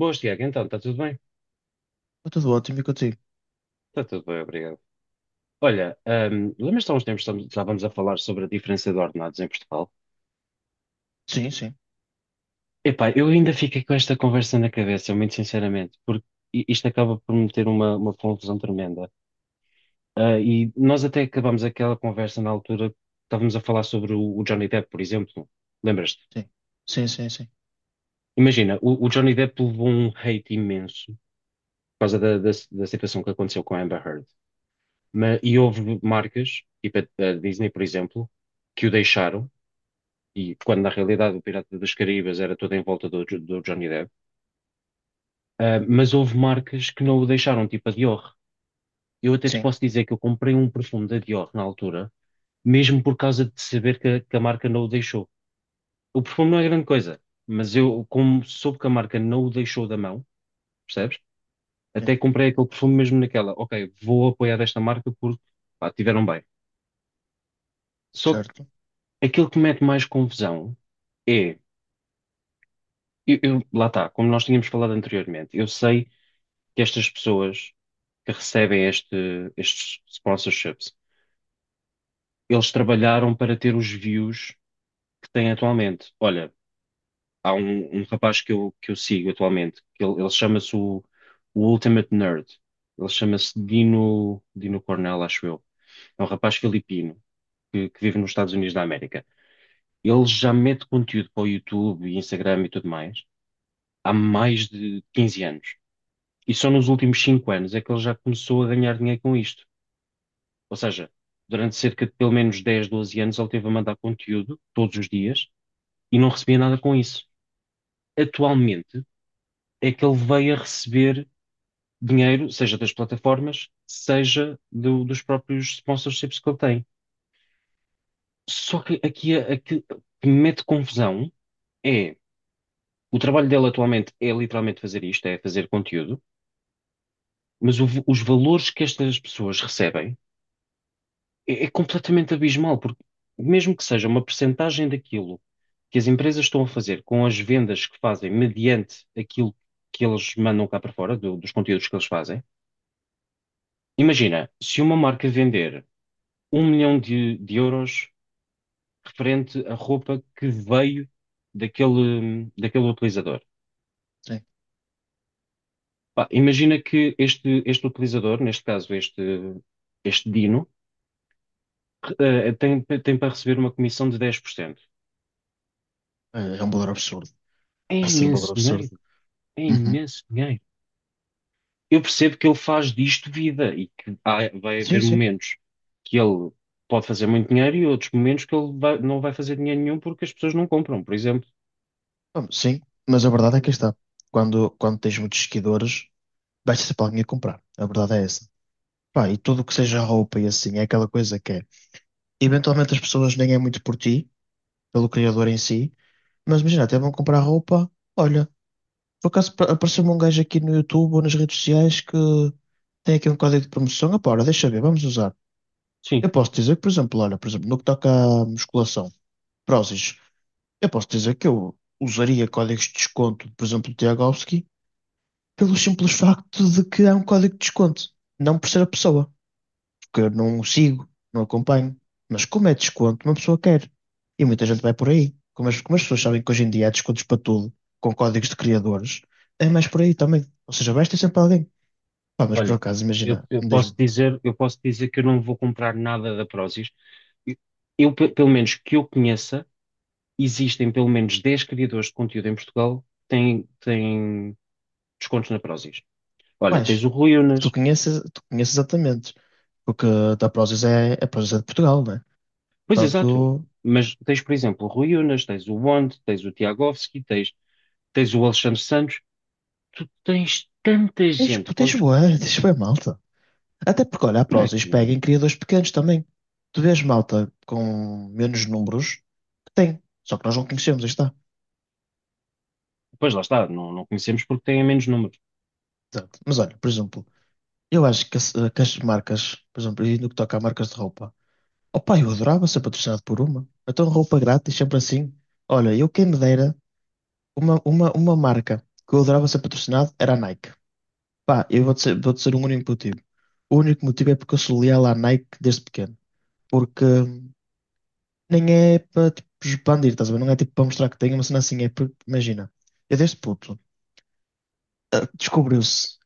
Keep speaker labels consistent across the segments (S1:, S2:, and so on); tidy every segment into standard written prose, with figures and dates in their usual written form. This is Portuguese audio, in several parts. S1: Boas, Tiago. Então, está tudo bem?
S2: Está tudo ótimo e contigo?
S1: Está tudo bem, obrigado. Olha, lembras-te há uns tempos que estávamos a falar sobre a diferença de ordenados em Portugal?
S2: Sim, sim,
S1: Epá, eu ainda fiquei com esta conversa na cabeça, muito sinceramente, porque isto acaba por me ter uma confusão tremenda. E nós até acabámos aquela conversa na altura que estávamos a falar sobre o Johnny Depp, por exemplo. Lembras-te?
S2: sim. Sim, sim, sim.
S1: Imagina, o Johnny Depp levou um hate imenso por causa da situação que aconteceu com a Amber Heard. E houve marcas, tipo a Disney, por exemplo, que o deixaram, e quando na realidade o Pirata das Caraíbas era todo em volta do, do Johnny Depp. Ah, mas houve marcas que não o deixaram, tipo a Dior. Eu até te
S2: Sim,
S1: posso dizer que eu comprei um perfume da Dior na altura, mesmo por causa de saber a que a marca não o deixou. O perfume não é grande coisa, mas eu, como soube que a marca não o deixou da mão, percebes?
S2: sim.
S1: Até comprei aquele perfume mesmo naquela, ok, vou apoiar esta marca porque, pá, tiveram bem. Só que
S2: Certo.
S1: aquilo que mete mais confusão é, lá está, como nós tínhamos falado anteriormente, eu sei que estas pessoas que recebem estes sponsorships, eles trabalharam para ter os views que têm atualmente. Olha, há um rapaz que eu sigo atualmente, ele chama-se o Ultimate Nerd. Ele chama-se Dino, Dino Cornell, acho eu. É um rapaz filipino que vive nos Estados Unidos da América. Ele já mete conteúdo para o YouTube e Instagram e tudo mais há mais de 15 anos. E só nos últimos 5 anos é que ele já começou a ganhar dinheiro com isto. Ou seja, durante cerca de pelo menos 10 doze anos ele teve a mandar conteúdo todos os dias e não recebia nada com isso. Atualmente é que ele veio a receber dinheiro, seja das plataformas, seja dos próprios sponsorships que ele tem. Só que aqui aqui o que me mete confusão é, o trabalho dele atualmente é literalmente fazer isto, é fazer conteúdo, mas os valores que estas pessoas recebem é completamente abismal, porque mesmo que seja uma percentagem daquilo que as empresas estão a fazer com as vendas que fazem mediante aquilo que eles mandam cá para fora, dos conteúdos que eles fazem, imagina, se uma marca vender um milhão de euros referente à roupa que veio daquele utilizador.
S2: Sim.
S1: Pá, imagina que este utilizador, neste caso este Dino, tem para receber uma comissão de 10%.
S2: É, é um valor absurdo.
S1: É
S2: Vai ser um valor
S1: imenso
S2: absurdo.
S1: dinheiro. É
S2: Uhum.
S1: imenso dinheiro. Eu percebo que ele faz disto vida e que há- vai
S2: Sim,
S1: haver
S2: sim.
S1: momentos que ele pode fazer muito dinheiro e outros momentos que ele vai- não vai fazer dinheiro nenhum porque as pessoas não compram, por exemplo.
S2: Bom, sim. Mas a verdade é que está. Quando tens muitos seguidores, vais ser para alguém a comprar. A verdade é essa. Pá, e tudo o que seja roupa e assim, é aquela coisa que é. Eventualmente as pessoas nem é muito por ti, pelo criador em si, mas imagina, até vão comprar roupa. Olha, por acaso apareceu-me um gajo aqui no YouTube ou nas redes sociais que tem aqui um código de promoção. Ah, pá, ora, deixa eu ver, vamos usar.
S1: Sim,
S2: Eu posso dizer que, por exemplo, olha, por exemplo, no que toca à musculação, prósis, eu posso dizer que eu usaria códigos de desconto, por exemplo, do Tiagovski, pelo simples facto de que há um código de desconto, não por ser a pessoa, porque eu não o sigo, não acompanho, mas como é desconto, uma pessoa quer. E muita gente vai por aí. Como as pessoas sabem que hoje em dia há descontos para tudo, com códigos de criadores, é mais por aí também. Ou seja, vais ter sempre alguém. Pá, mas por
S1: olha,
S2: acaso, imagina, diz-me,
S1: eu posso dizer que eu não vou comprar nada da Prozis. Eu, Pelo menos que eu conheça, existem pelo menos 10 criadores de conteúdo em Portugal têm descontos na Prozis. Olha,
S2: quais?
S1: tens o Rui
S2: Que
S1: Unas.
S2: tu conheces exatamente. Porque a da Prozis é, a Prozis é de Portugal, né?
S1: Pois, exato.
S2: Portanto,
S1: Mas tens, por exemplo, o Rui Unas, tens o Wand, tens o Tiagovski, tens, tens o Alexandre Santos. Tu tens tanta
S2: tens,
S1: gente
S2: tens
S1: quantos
S2: boa, tens boa malta. Até porque, olha, a
S1: por
S2: Prozis pega
S1: aqui.
S2: em criadores pequenos também. Tu vês malta com menos números que tem. Só que nós não conhecemos, aí está.
S1: Pois lá está, não conhecemos porque têm menos números.
S2: Exato. Mas olha, por exemplo, eu acho que, que as marcas, por exemplo, e no que toca a marcas de roupa, opa eu adorava ser patrocinado por uma. Então, roupa grátis, sempre assim. Olha, eu quem me dera, uma marca que eu adorava ser patrocinado era a Nike. Pá, eu vou dizer um único motivo. O único motivo é porque eu sou leal à Nike desde pequeno. Porque nem é para tipo, expandir, estás a ver? Não é tipo para mostrar que tenho uma cena assim. É porque, imagina, eu desde puto descobriu-se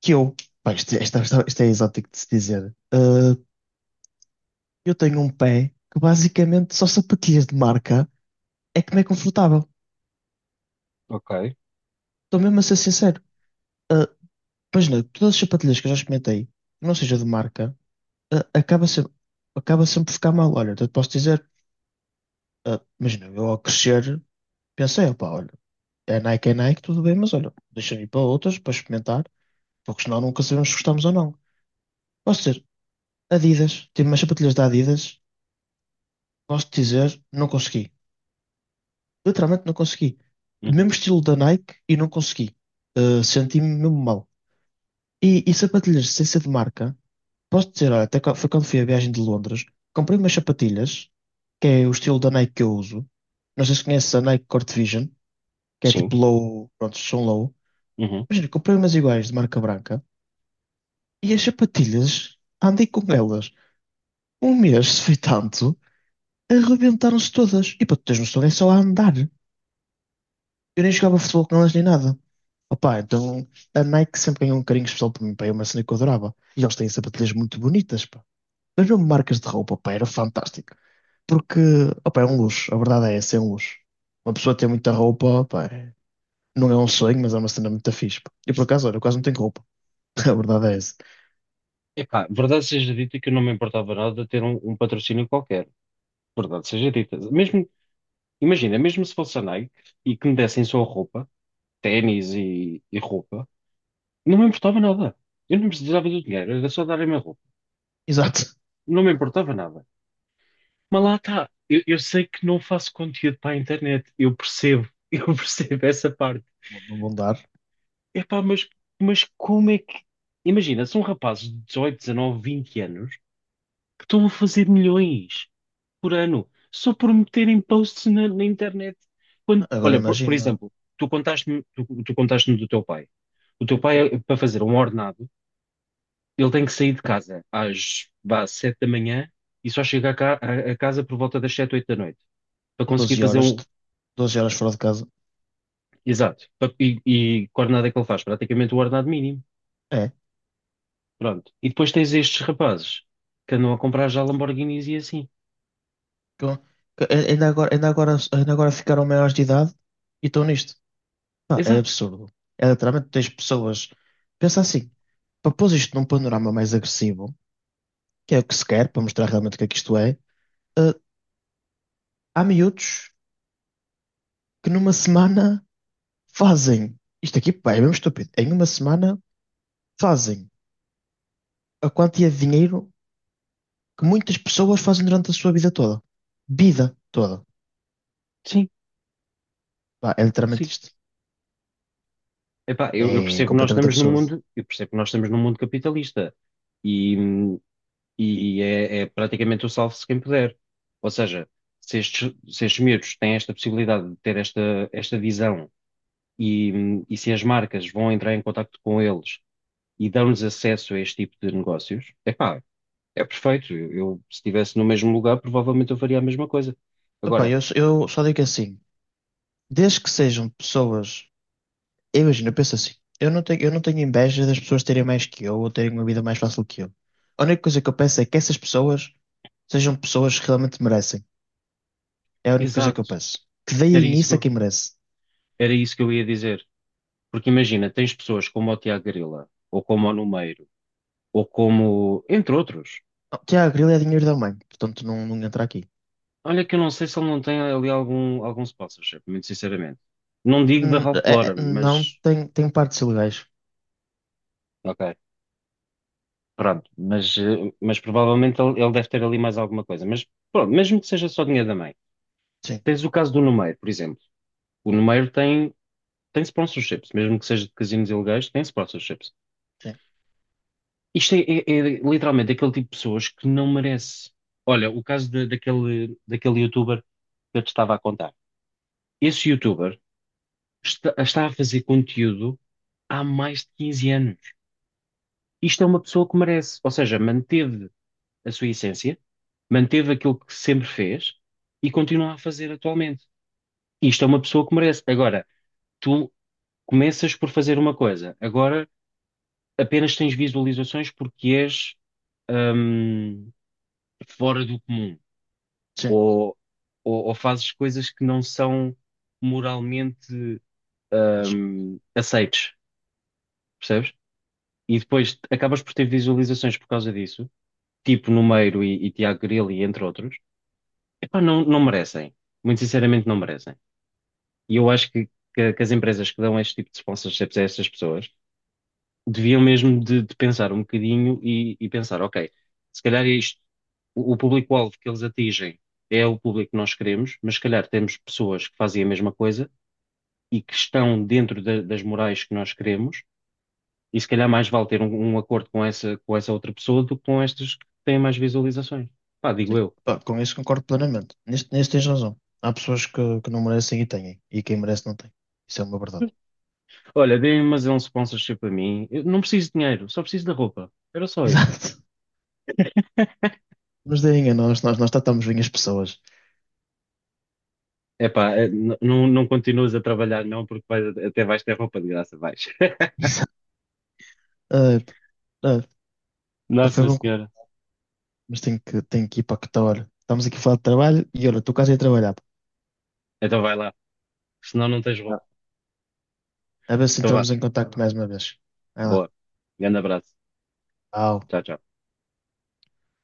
S2: que eu, pá, isto é exótico de se dizer. Eu tenho um pé que basicamente só sapatilhas de marca é que me é confortável.
S1: Ok.
S2: Estou mesmo a ser sincero. Uh, Imagina, todas as sapatilhas que eu já experimentei, que não seja de marca, uh, acaba sempre, acaba sempre por ficar mal. Olha, eu te posso dizer. Ah, imagina, eu ao crescer pensei, opá, olha, é Nike, tudo bem, mas olha, deixa-me ir para outras para experimentar, porque senão nunca sabemos se gostamos ou não. Posso dizer, Adidas, tive umas sapatilhas da Adidas, posso te dizer, não consegui. Literalmente não consegui.
S1: Uhum.
S2: Mesmo estilo da Nike e não consegui. Ah, senti-me mesmo mal. E sapatilhas sem ser de marca, posso dizer, olha, até foi quando fui à viagem de Londres, comprei umas sapatilhas, que é o estilo da Nike que eu uso. Não sei se conheces a Nike Court Vision, que é
S1: Sim.
S2: tipo low, pronto, são low.
S1: Uhum.
S2: Imagina, comprei umas iguais de marca branca e as sapatilhas, andei com elas um mês, se foi tanto, arrebentaram-se todas. E para tu teres noção, é só a andar. Eu nem jogava futebol com elas nem nada. Opa, então a Nike sempre ganhou um carinho especial para mim, pá, é uma cena que eu adorava. E eles têm sapatilhas muito bonitas, pá. Mas mesmo marcas de roupa, pá, era fantástico. Porque, opa, é um luxo, a verdade é essa, é um luxo. Uma pessoa ter muita roupa, pá, não é um sonho, mas é uma cena muito fixe, pá. E por acaso, olha, eu quase não tenho roupa, a verdade é essa.
S1: Epá, verdade seja dita que eu não me importava nada de ter um patrocínio qualquer. Verdade seja dita. Mesmo, imagina, mesmo se fosse a Nike e que me dessem só roupa, ténis e roupa, não me importava nada. Eu não precisava do dinheiro, era só darem-me a roupa.
S2: Exato.
S1: Não me importava nada. Mas lá está. Eu sei que não faço conteúdo para a internet. Eu percebo. Eu percebo essa parte.
S2: Não vão dar.
S1: Epá, mas como é que. Imagina, são rapazes de 18, 19 vinte anos que estão a fazer milhões por ano só por meterem posts na internet. Quando,
S2: Agora
S1: olha, por
S2: imagina,
S1: exemplo, tu contaste-me do teu pai. O teu pai, para fazer um ordenado, ele tem que sair de casa às, vá, 7 da manhã e só chega a casa por volta das 7 oito da noite para
S2: com
S1: conseguir
S2: 12
S1: fazer
S2: horas,
S1: um.
S2: 12 horas fora de casa.
S1: Exato. E que ordenado é que ele faz? Praticamente o ordenado mínimo.
S2: É.
S1: Pronto. E depois tens estes rapazes que andam a comprar já Lamborghinis e assim.
S2: Com- Ainda agora, ainda agora ficaram maiores de idade e estão nisto. Pá, é
S1: Exato.
S2: absurdo. É literalmente tens pessoas. Pensa assim, para pôr isto num panorama mais agressivo, que é o que se quer, para mostrar realmente o que é que isto é, eh, há miúdos que numa semana fazem. Isto aqui, pá, é mesmo estúpido. Em uma semana fazem a quantia de dinheiro que muitas pessoas fazem durante a sua vida toda. Vida toda.
S1: Sim,
S2: Pá, é literalmente
S1: sim.
S2: isto.
S1: Epá, eu
S2: É
S1: percebo que nós
S2: completamente
S1: estamos num
S2: absurdo.
S1: mundo, eu percebo que nós estamos num mundo capitalista e, hum, e é, é praticamente o salve-se quem puder. Ou seja, se estes, se estes miúdos têm esta possibilidade de ter esta visão e se as marcas vão entrar em contacto com eles e dão-lhes acesso a este tipo de negócios, epá, é perfeito. Se estivesse no mesmo lugar, provavelmente eu faria a mesma coisa.
S2: Epá,
S1: Agora,
S2: eu só digo assim, desde que sejam pessoas. Eu imagino, eu penso assim, eu não tenho inveja das pessoas terem mais que eu ou terem uma vida mais fácil que eu. A única coisa que eu penso é que essas pessoas sejam pessoas que realmente merecem. É a única coisa que
S1: exato,
S2: eu penso. Que
S1: era
S2: deem
S1: isso que
S2: isso a
S1: eu,
S2: quem merece.
S1: era isso que eu ia dizer. Porque imagina, tens pessoas como o Tiago Grila, ou como o Numeiro, ou como, entre outros.
S2: Oh, Tiago, Grilo é dinheiro da mãe, portanto não, não entra aqui.
S1: Olha que eu não sei se ele não tem ali algum sponsorship, muito sinceramente. Não digo da
S2: N-
S1: Ralph Lauren,
S2: não,
S1: mas,
S2: tem, tem partes ilegais.
S1: ok, pronto. Mas, eh, mas provavelmente ele deve ter ali mais alguma coisa. Mas pronto, mesmo que seja só dinheiro da mãe.
S2: Sim,
S1: Tens o caso do Numeiro, por exemplo. O Numeiro tem, tem sponsorships, mesmo que seja de casinos ilegais, tem sponsorships.
S2: sim,
S1: Isto é, é literalmente aquele tipo de pessoas que não merece. Olha, o caso daquele youtuber que eu te estava a contar. Esse youtuber está a fazer conteúdo há mais de 15 anos. Isto é uma pessoa que merece, ou seja, manteve a sua essência, manteve aquilo que sempre fez e continua a fazer atualmente. Isto é uma pessoa que merece. Agora, tu começas por fazer uma coisa, agora apenas tens visualizações porque és, hum, fora do comum ou, ou fazes coisas que não são moralmente,
S2: sim.
S1: aceites, percebes? E depois acabas por ter visualizações por causa disso, tipo Numeiro e Tiago Grilo, e entre outros. Epá, não merecem. Muito sinceramente, não merecem. E eu acho que as empresas que dão este tipo de sponsorships a estas pessoas deviam mesmo de pensar um bocadinho e pensar, ok, se calhar é isto, o público-alvo que eles atingem é o público que nós queremos, mas se calhar temos pessoas que fazem a mesma coisa e que estão dentro das morais que nós queremos, e se calhar mais vale ter um acordo com com essa outra pessoa do que com estas que têm mais visualizações. Pá, digo
S2: Sim,
S1: eu.
S2: pá, com isso concordo plenamente. Nisto, nisso tens razão. Há pessoas que não merecem e têm, e quem merece não tem. Isso é uma verdade.
S1: Olha, deem-me mas é um sponsorship para mim. Eu não preciso de dinheiro, só preciso da roupa. Era só isso.
S2: Exato. Mas deem a nós, nós tratamos bem as pessoas.
S1: Epá, não, não continuas a trabalhar, não, porque vais- até vais ter roupa de graça, vais.
S2: Ah, ah, pá, foi
S1: Nossa
S2: bom,
S1: Senhora.
S2: mas tenho que ir para que tal hora. Estamos aqui a falar de trabalho e olha, tu quase ia trabalhar.
S1: Então vai lá. Senão não tens
S2: Pá.
S1: roupa.
S2: A ver se
S1: Então vá.
S2: entramos em contacto mais uma vez. Vai lá.
S1: Boa. Grande abraço.
S2: Tchau.
S1: Tchau, tchau.